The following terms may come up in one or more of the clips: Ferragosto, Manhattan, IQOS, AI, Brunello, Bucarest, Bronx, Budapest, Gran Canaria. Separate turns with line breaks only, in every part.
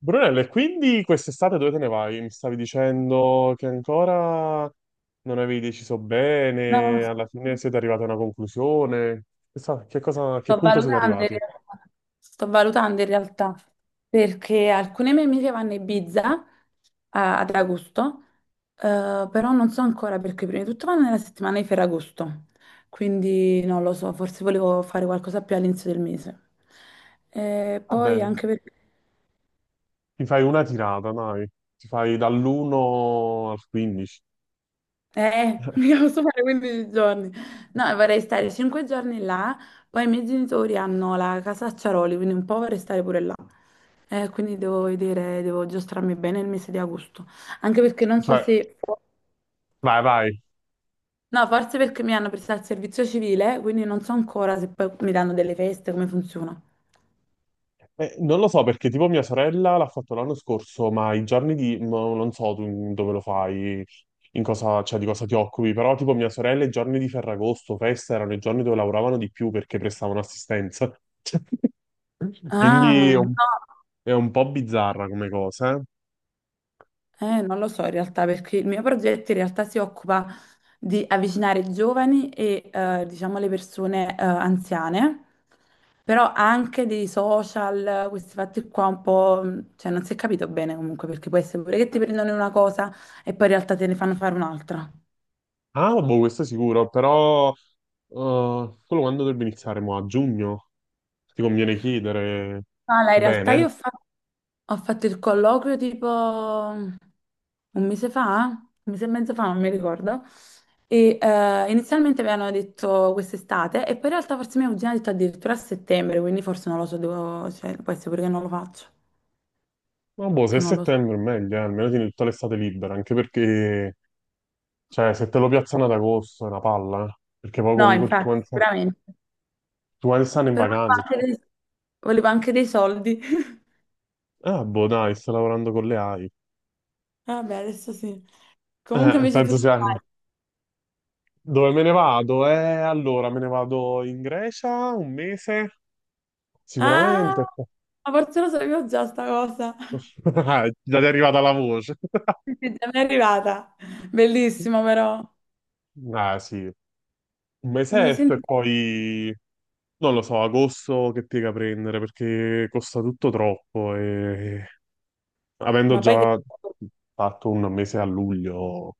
Brunello, e quindi quest'estate dove te ne vai? Mi stavi dicendo che ancora non avevi deciso
No,
bene, alla fine siete arrivati a una conclusione. Che cosa, a che
sto
punto siete
valutando in
arrivati?
realtà, sto valutando in realtà, perché alcune mie amiche vanno a Ibiza ad agosto, però non so ancora perché prima di tutto vanno nella settimana di Ferragosto, quindi non lo so, forse volevo fare qualcosa più all'inizio del mese. E poi
Vabbè,
anche perché.
ti fai una tirata, dai. Ti fai dall'1 al 15.
Mica posso fare 15 giorni. No, vorrei stare 5 giorni là, poi i miei genitori hanno la casa a Ciaroli, quindi un po' vorrei stare pure là. Quindi devo vedere, devo giostrarmi bene il mese di agosto. Anche perché non so
Cioè,
se.
vai, vai.
No, forse perché mi hanno prestato il servizio civile, quindi non so ancora se poi mi danno delle feste, come funziona.
Non lo so perché tipo mia sorella l'ha fatto l'anno scorso, ma i giorni di... no, non so tu in- dove lo fai, in cosa, cioè, di cosa ti occupi, però tipo mia sorella i giorni di Ferragosto, festa, erano i giorni dove lavoravano di più perché prestavano assistenza.
Ah,
Quindi è
no.
un, è un po' bizzarra come cosa, eh.
Non lo so in realtà perché il mio progetto in realtà si occupa di avvicinare i giovani e diciamo le persone anziane, però anche dei social, questi fatti qua un po', cioè non si è capito bene comunque perché può essere pure che ti prendono una cosa e poi in realtà te ne fanno fare un'altra.
Ah, boh, questo è sicuro, però quello quando dovrebbe iniziare? Mo' a giugno? Ti conviene chiedere
Ala, in realtà io
bene?
ho fatto il colloquio tipo un mese fa, un mese e mezzo fa, non mi ricordo. E inizialmente mi hanno detto quest'estate, e poi in realtà forse mia cugina ha detto addirittura a settembre, quindi forse non lo so, cioè, può essere pure che non lo faccio,
Ma boh, se è
che non lo so.
settembre è meglio, almeno tieni tutta l'estate libera, anche perché... Cioè, se te lo piazzano ad agosto è una palla, eh. Perché poi
No,
comunque tutti
infatti,
quanti, sta- tutti
sicuramente.
quanti stanno in
Però
vacanze. Tutti...
volevo anche dei soldi.
Ah, boh, dai, sto lavorando con le AI.
Vabbè, adesso sì. Comunque invece tu
Penso
che
sia...
fai?
Dove me ne vado? Allora, me ne vado in Grecia un mese,
Ah,
sicuramente.
ma forse lo sapevo già sta cosa.
Già ti è arrivata la voce.
Sì, sì, già mi è arrivata. Bellissimo, però.
Ah, sì, un
Un mese
mesetto e
intero.
poi... Non lo so, agosto che piega prendere perché costa tutto troppo e avendo
Ma poi che.
già fatto un mese a luglio,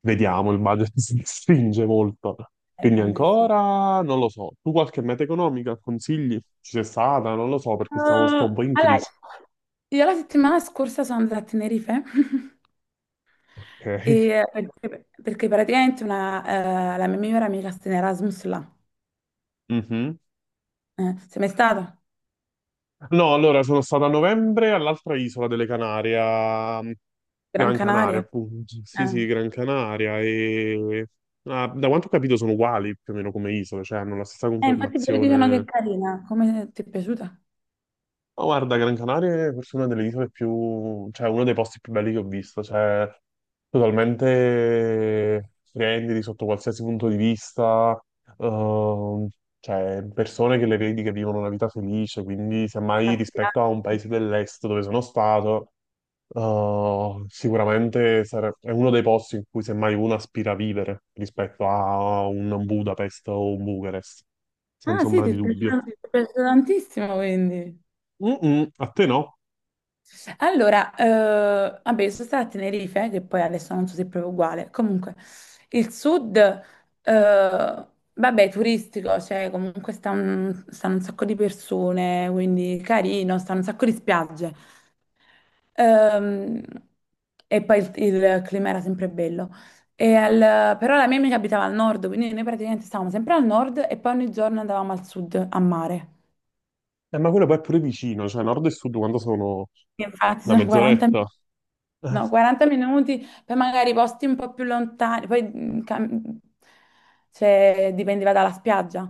vediamo, il budget si stringe molto. Quindi
Vabbè, sì.
ancora non lo so. Tu qualche meta economica consigli? Ci sei stata? Non lo so perché stiamo sto un po' in
Allora,
crisi.
io la settimana scorsa sono andata a Tenerife
Ok.
perché, praticamente una, la mia migliore amica sta in Erasmus là.
Mhm.
Sei mai stato?
No, allora sono stato a novembre all'altra isola delle Canarie, a
Gran
Gran Canaria,
Canaria?
appunto. Sì,
Eh.
sì, Gran Canaria. E ah, da quanto ho capito sono uguali più o meno come isole, cioè hanno la stessa
Infatti pure dicono che è
conformazione.
carina. Come ti è piaciuta?
Ma guarda, Gran Canaria è forse una delle isole più, cioè uno dei posti più belli che ho visto, cioè totalmente splendidi sotto qualsiasi punto di vista, ehm, cioè persone che le vedi che vivono una vita felice, quindi semmai
La
rispetto a un
spiaggia?
paese dell'est dove sono stato, è uno dei posti in cui semmai uno aspira a vivere rispetto a un Budapest o un Bucarest,
Ah,
senza
sì,
ombra
ti
di
è
dubbio.
piaciuta, tantissimo, quindi.
Mm-mm, a te no?
Allora, vabbè, io sono stata a Tenerife, che poi adesso non so se è proprio uguale. Comunque, il sud, vabbè, è turistico, cioè comunque stanno un sacco di persone, quindi carino, stanno un sacco di spiagge. Ehm, e poi il clima era sempre bello. E però la mia amica abitava al nord, quindi noi praticamente stavamo sempre al nord e poi ogni giorno andavamo al sud a mare.
Ma quello poi è pure vicino, cioè nord e sud quando sono
Infatti
una
sono 40
mezz'oretta.
minuti.
Eh,
No, 40 minuti, poi magari posti un po' più lontani, poi cioè, dipendeva dalla spiaggia,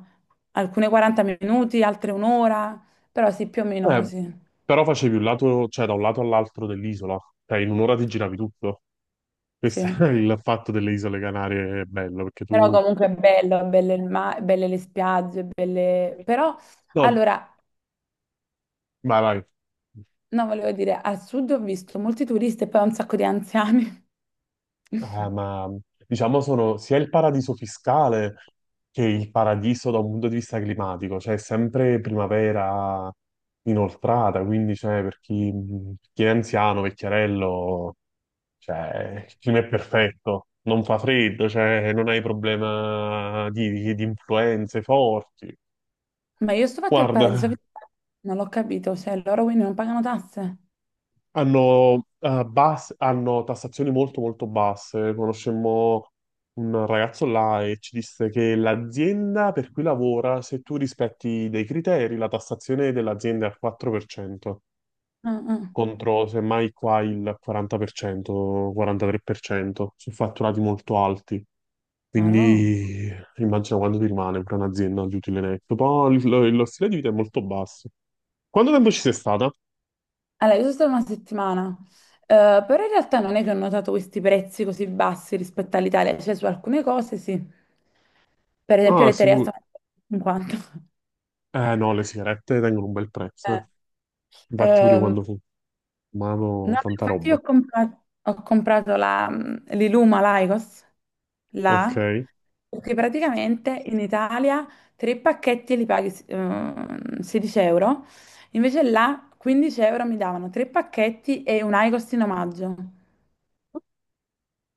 alcune 40 minuti, altre un'ora, però sì, più o meno
eh,
così,
però facevi un lato, cioè da un lato all'altro dell'isola, cioè in un'ora ti giravi tutto.
sì.
Questo è il fatto delle isole Canarie, è bello, perché
Però
tu...
comunque è bello il mare, belle le spiagge, belle. Però,
No,
allora,
vai, vai.
no, volevo dire, al sud ho visto molti turisti e poi un sacco di anziani.
Ma diciamo sono sia il paradiso fiscale che il paradiso da un punto di vista climatico, cioè è sempre primavera inoltrata, quindi cioè, chi è anziano, vecchiarello. Cioè, il clima è perfetto, non fa freddo, cioè, non hai problema di influenze forti.
Ma io sto fatto il paradiso,
Guarda,
fiscale, non l'ho capito, cioè loro quindi non pagano tasse?
hanno tassazioni molto basse. Conoscemmo un ragazzo là e ci disse che l'azienda per cui lavora, se tu rispetti dei criteri, la tassazione dell'azienda è al 4%,
Ah, ah.
contro semmai qua il 40%, 43%, su fatturati molto alti.
Ma no.
Quindi immagino quanto ti rimane per un'azienda di utile netto. Poi lo stile di vita è molto basso. Quanto tempo ci sei stata?
Allora, io sono stata una settimana, però in realtà non è che ho notato questi prezzi così bassi rispetto all'Italia, cioè su alcune cose sì, per esempio
Ah,
le terre
sicuro.
stanno a 50.
Eh no, le sigarette tengono un bel prezzo,
Eh,
eh. Infatti pure io
ehm,
quando
no,
fumavo tanta
infatti io
roba.
ho comprato l'Iluma Lycos,
Ok.
là, perché praticamente in Italia tre pacchetti li paghi 16 euro, invece là 15 euro mi davano tre pacchetti e un Lycos in omaggio.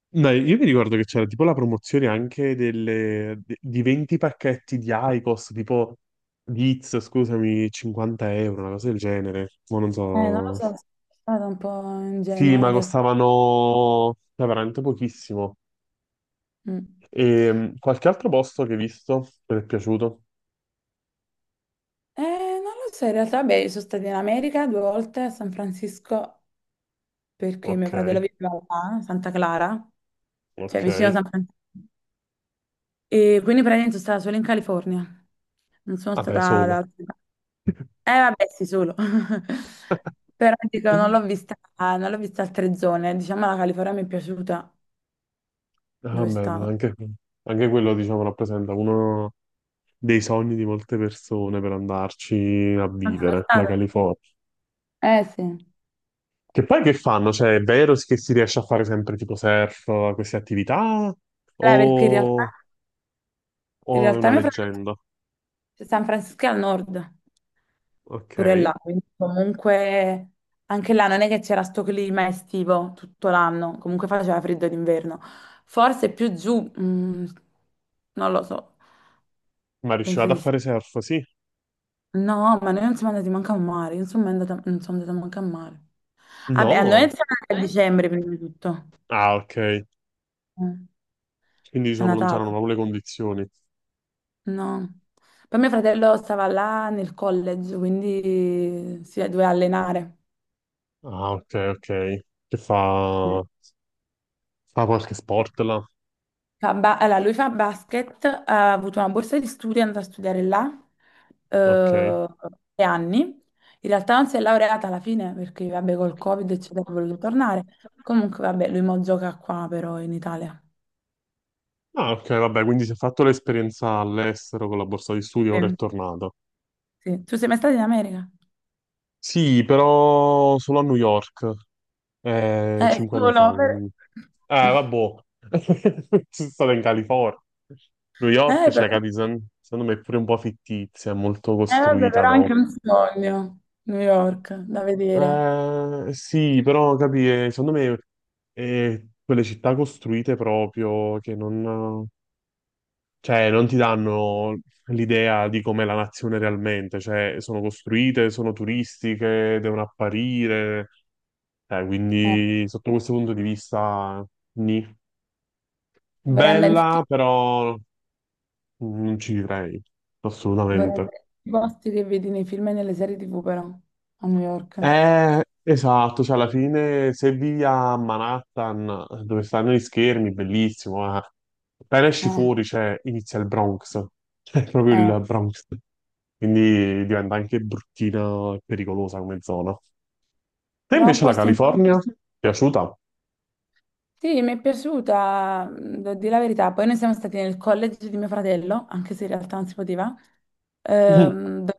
Dai, io mi ricordo che c'era tipo la promozione di 20 pacchetti di IQOS, tipo di Iz, scusami, 50 euro, una cosa del genere. Ma non
Non lo
so.
so, sono stata un po'
Sì,
ingenua
ma
in realtà.
costavano, cioè, veramente pochissimo.
Mm.
E qualche altro posto che hai visto? Che ti è piaciuto?
Eh, non lo so, in realtà, beh, sono stata in America due volte a San Francisco perché mio
Ok,
fratello viveva là, a Santa Clara, cioè
ok.
vicino a San Francisco. E quindi praticamente sono stata solo in California, non sono stata
Vabbè,
da
solo.
altre parti. Vabbè, sì, solo. Però dico, non l'ho vista altre zone. Diciamo, la California mi è piaciuta
Va
dove
bene,
stavo.
anche quello, diciamo, rappresenta uno dei sogni di molte persone per andarci a
Non sono
vivere, la
stata?
California.
Sì. Eh,
Che poi che fanno? Cioè, è vero che si riesce a fare sempre tipo surf, queste attività?
perché in realtà,
O, o è una
mio fratello.
leggenda?
Cioè, San Francisco è al nord,
Ok.
pure là, quindi comunque anche là non è che c'era sto clima estivo tutto l'anno, comunque faceva freddo d'inverno. Forse più giù, non lo so,
Ma
penso
riuscivate a
di sì.
fare surf? Sì.
No, ma noi non siamo andati manco a mare, io non sono mai andata, non sono andata manco a mare. Vabbè, a noi
No.
siamo andati a
Eh?
dicembre prima di tutto.
Ah, ok.
Mm.
Quindi
A
diciamo non
Natale,
c'erano proprio le condizioni.
no. Poi mio fratello stava là nel college, quindi si doveva allenare.
Ah, ok, ok. Che fa... fa qualche sport là?
Allora, lui fa basket, ha avuto una borsa di studio, è andato a studiare là
Ok.
eh, 3 anni. In realtà non si è laureata alla fine perché, vabbè, col
Perché
Covid, eccetera, ha
come che
voluto
ci...
tornare. Comunque, vabbè, lui mo gioca qua però in Italia.
Ah, ok, vabbè, quindi si è fatto l'esperienza all'estero con la borsa di studio, ora è
Sì.
tornato.
Sì. Tu sei mai stato in America?
Sì, però solo a New York.
Eh,
Cinque anni fa,
solo per-
quindi. Ah, vabbè. Sono stato in California. New York,
Eh, però...
cioè, capi, secondo me è pure un po' fittizia, è molto
eh, vabbè,
costruita
però è
dopo.
anche un sogno, New York, da vedere.
Sì, però, capi, secondo me è quelle città costruite proprio che non, cioè, non ti danno l'idea di com'è la nazione realmente, cioè, sono costruite, sono turistiche, devono apparire,
Eh,
quindi sotto questo punto di vista... nì.
vorrei andare in
Bella,
tutti
però non ci vivrei, assolutamente.
i posti che vedi nei film e nelle serie TV, però, a New York.
Esatto, cioè alla fine se vivi a Manhattan, dove stanno gli schermi, bellissimo, eh. Appena esci
Eh,
fuori, cioè, inizia il Bronx, è proprio
eh,
il Bronx, quindi diventa anche bruttina e pericolosa come zona. E
però è un
invece la
posto in.
California? Piaciuta?
Sì, mi è piaciuta, devo dire la verità. Poi noi siamo stati nel college di mio fratello, anche se in realtà non si poteva.
Mhm.
Ehm, do-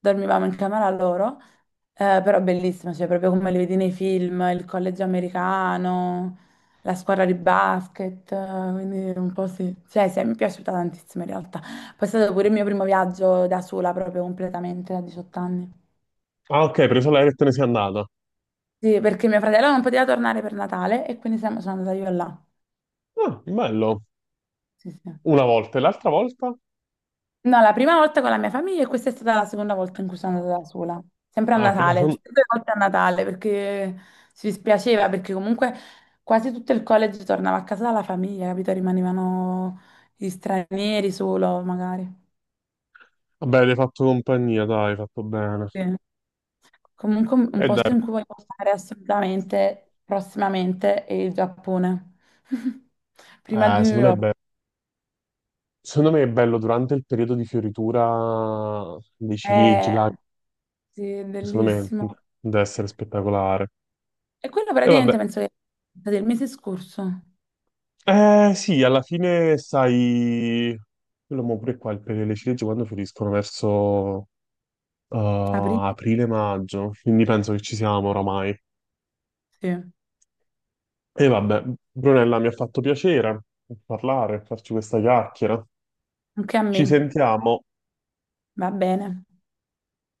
dormivamo in camera loro, però bellissima, cioè proprio come li vedi nei film, il college americano, la squadra di basket, quindi un po' sì. Cioè, sì, mi è piaciuta tantissimo in realtà. Poi è stato pure il mio primo viaggio da sola, proprio completamente, a 18 anni.
Ah, ok, hai preso l'aereo e te ne sei andata.
Sì, perché mio fratello non poteva tornare per Natale e quindi sono andata io là.
Ah, bello.
Sì, sì.
Una volta e l'altra volta?
No, la prima volta con la mia famiglia e questa è stata la seconda volta in cui sono andata da sola. Sempre a
Ah, ok.
Natale, tutte e due volte a Natale perché si dispiaceva, perché comunque quasi tutto il college tornava a casa dalla famiglia, capito? Rimanevano gli stranieri solo, magari.
Vabbè, ti hai fatto compagnia, dai, hai fatto bene.
Sì. Comunque un
E
posto
dai,
in cui voglio andare assolutamente prossimamente è il Giappone. Prima di New
secondo me è
York.
bello. Secondo me è bello durante il periodo di fioritura dei ciliegi,
Eh,
là,
sì, è
secondo me
bellissimo.
deve essere spettacolare.
E quello
E vabbè,
praticamente penso che sia del mese scorso,
eh sì, alla fine sai, quello mo pure qua, il periodo delle ciliegie quando fioriscono verso eh,
aprile,
aprile-maggio, quindi penso che ci siamo oramai.
sì,
E vabbè, Brunella, mi ha fatto piacere parlare, farci questa chiacchiera.
anche a
Ci
me,
sentiamo.
va bene.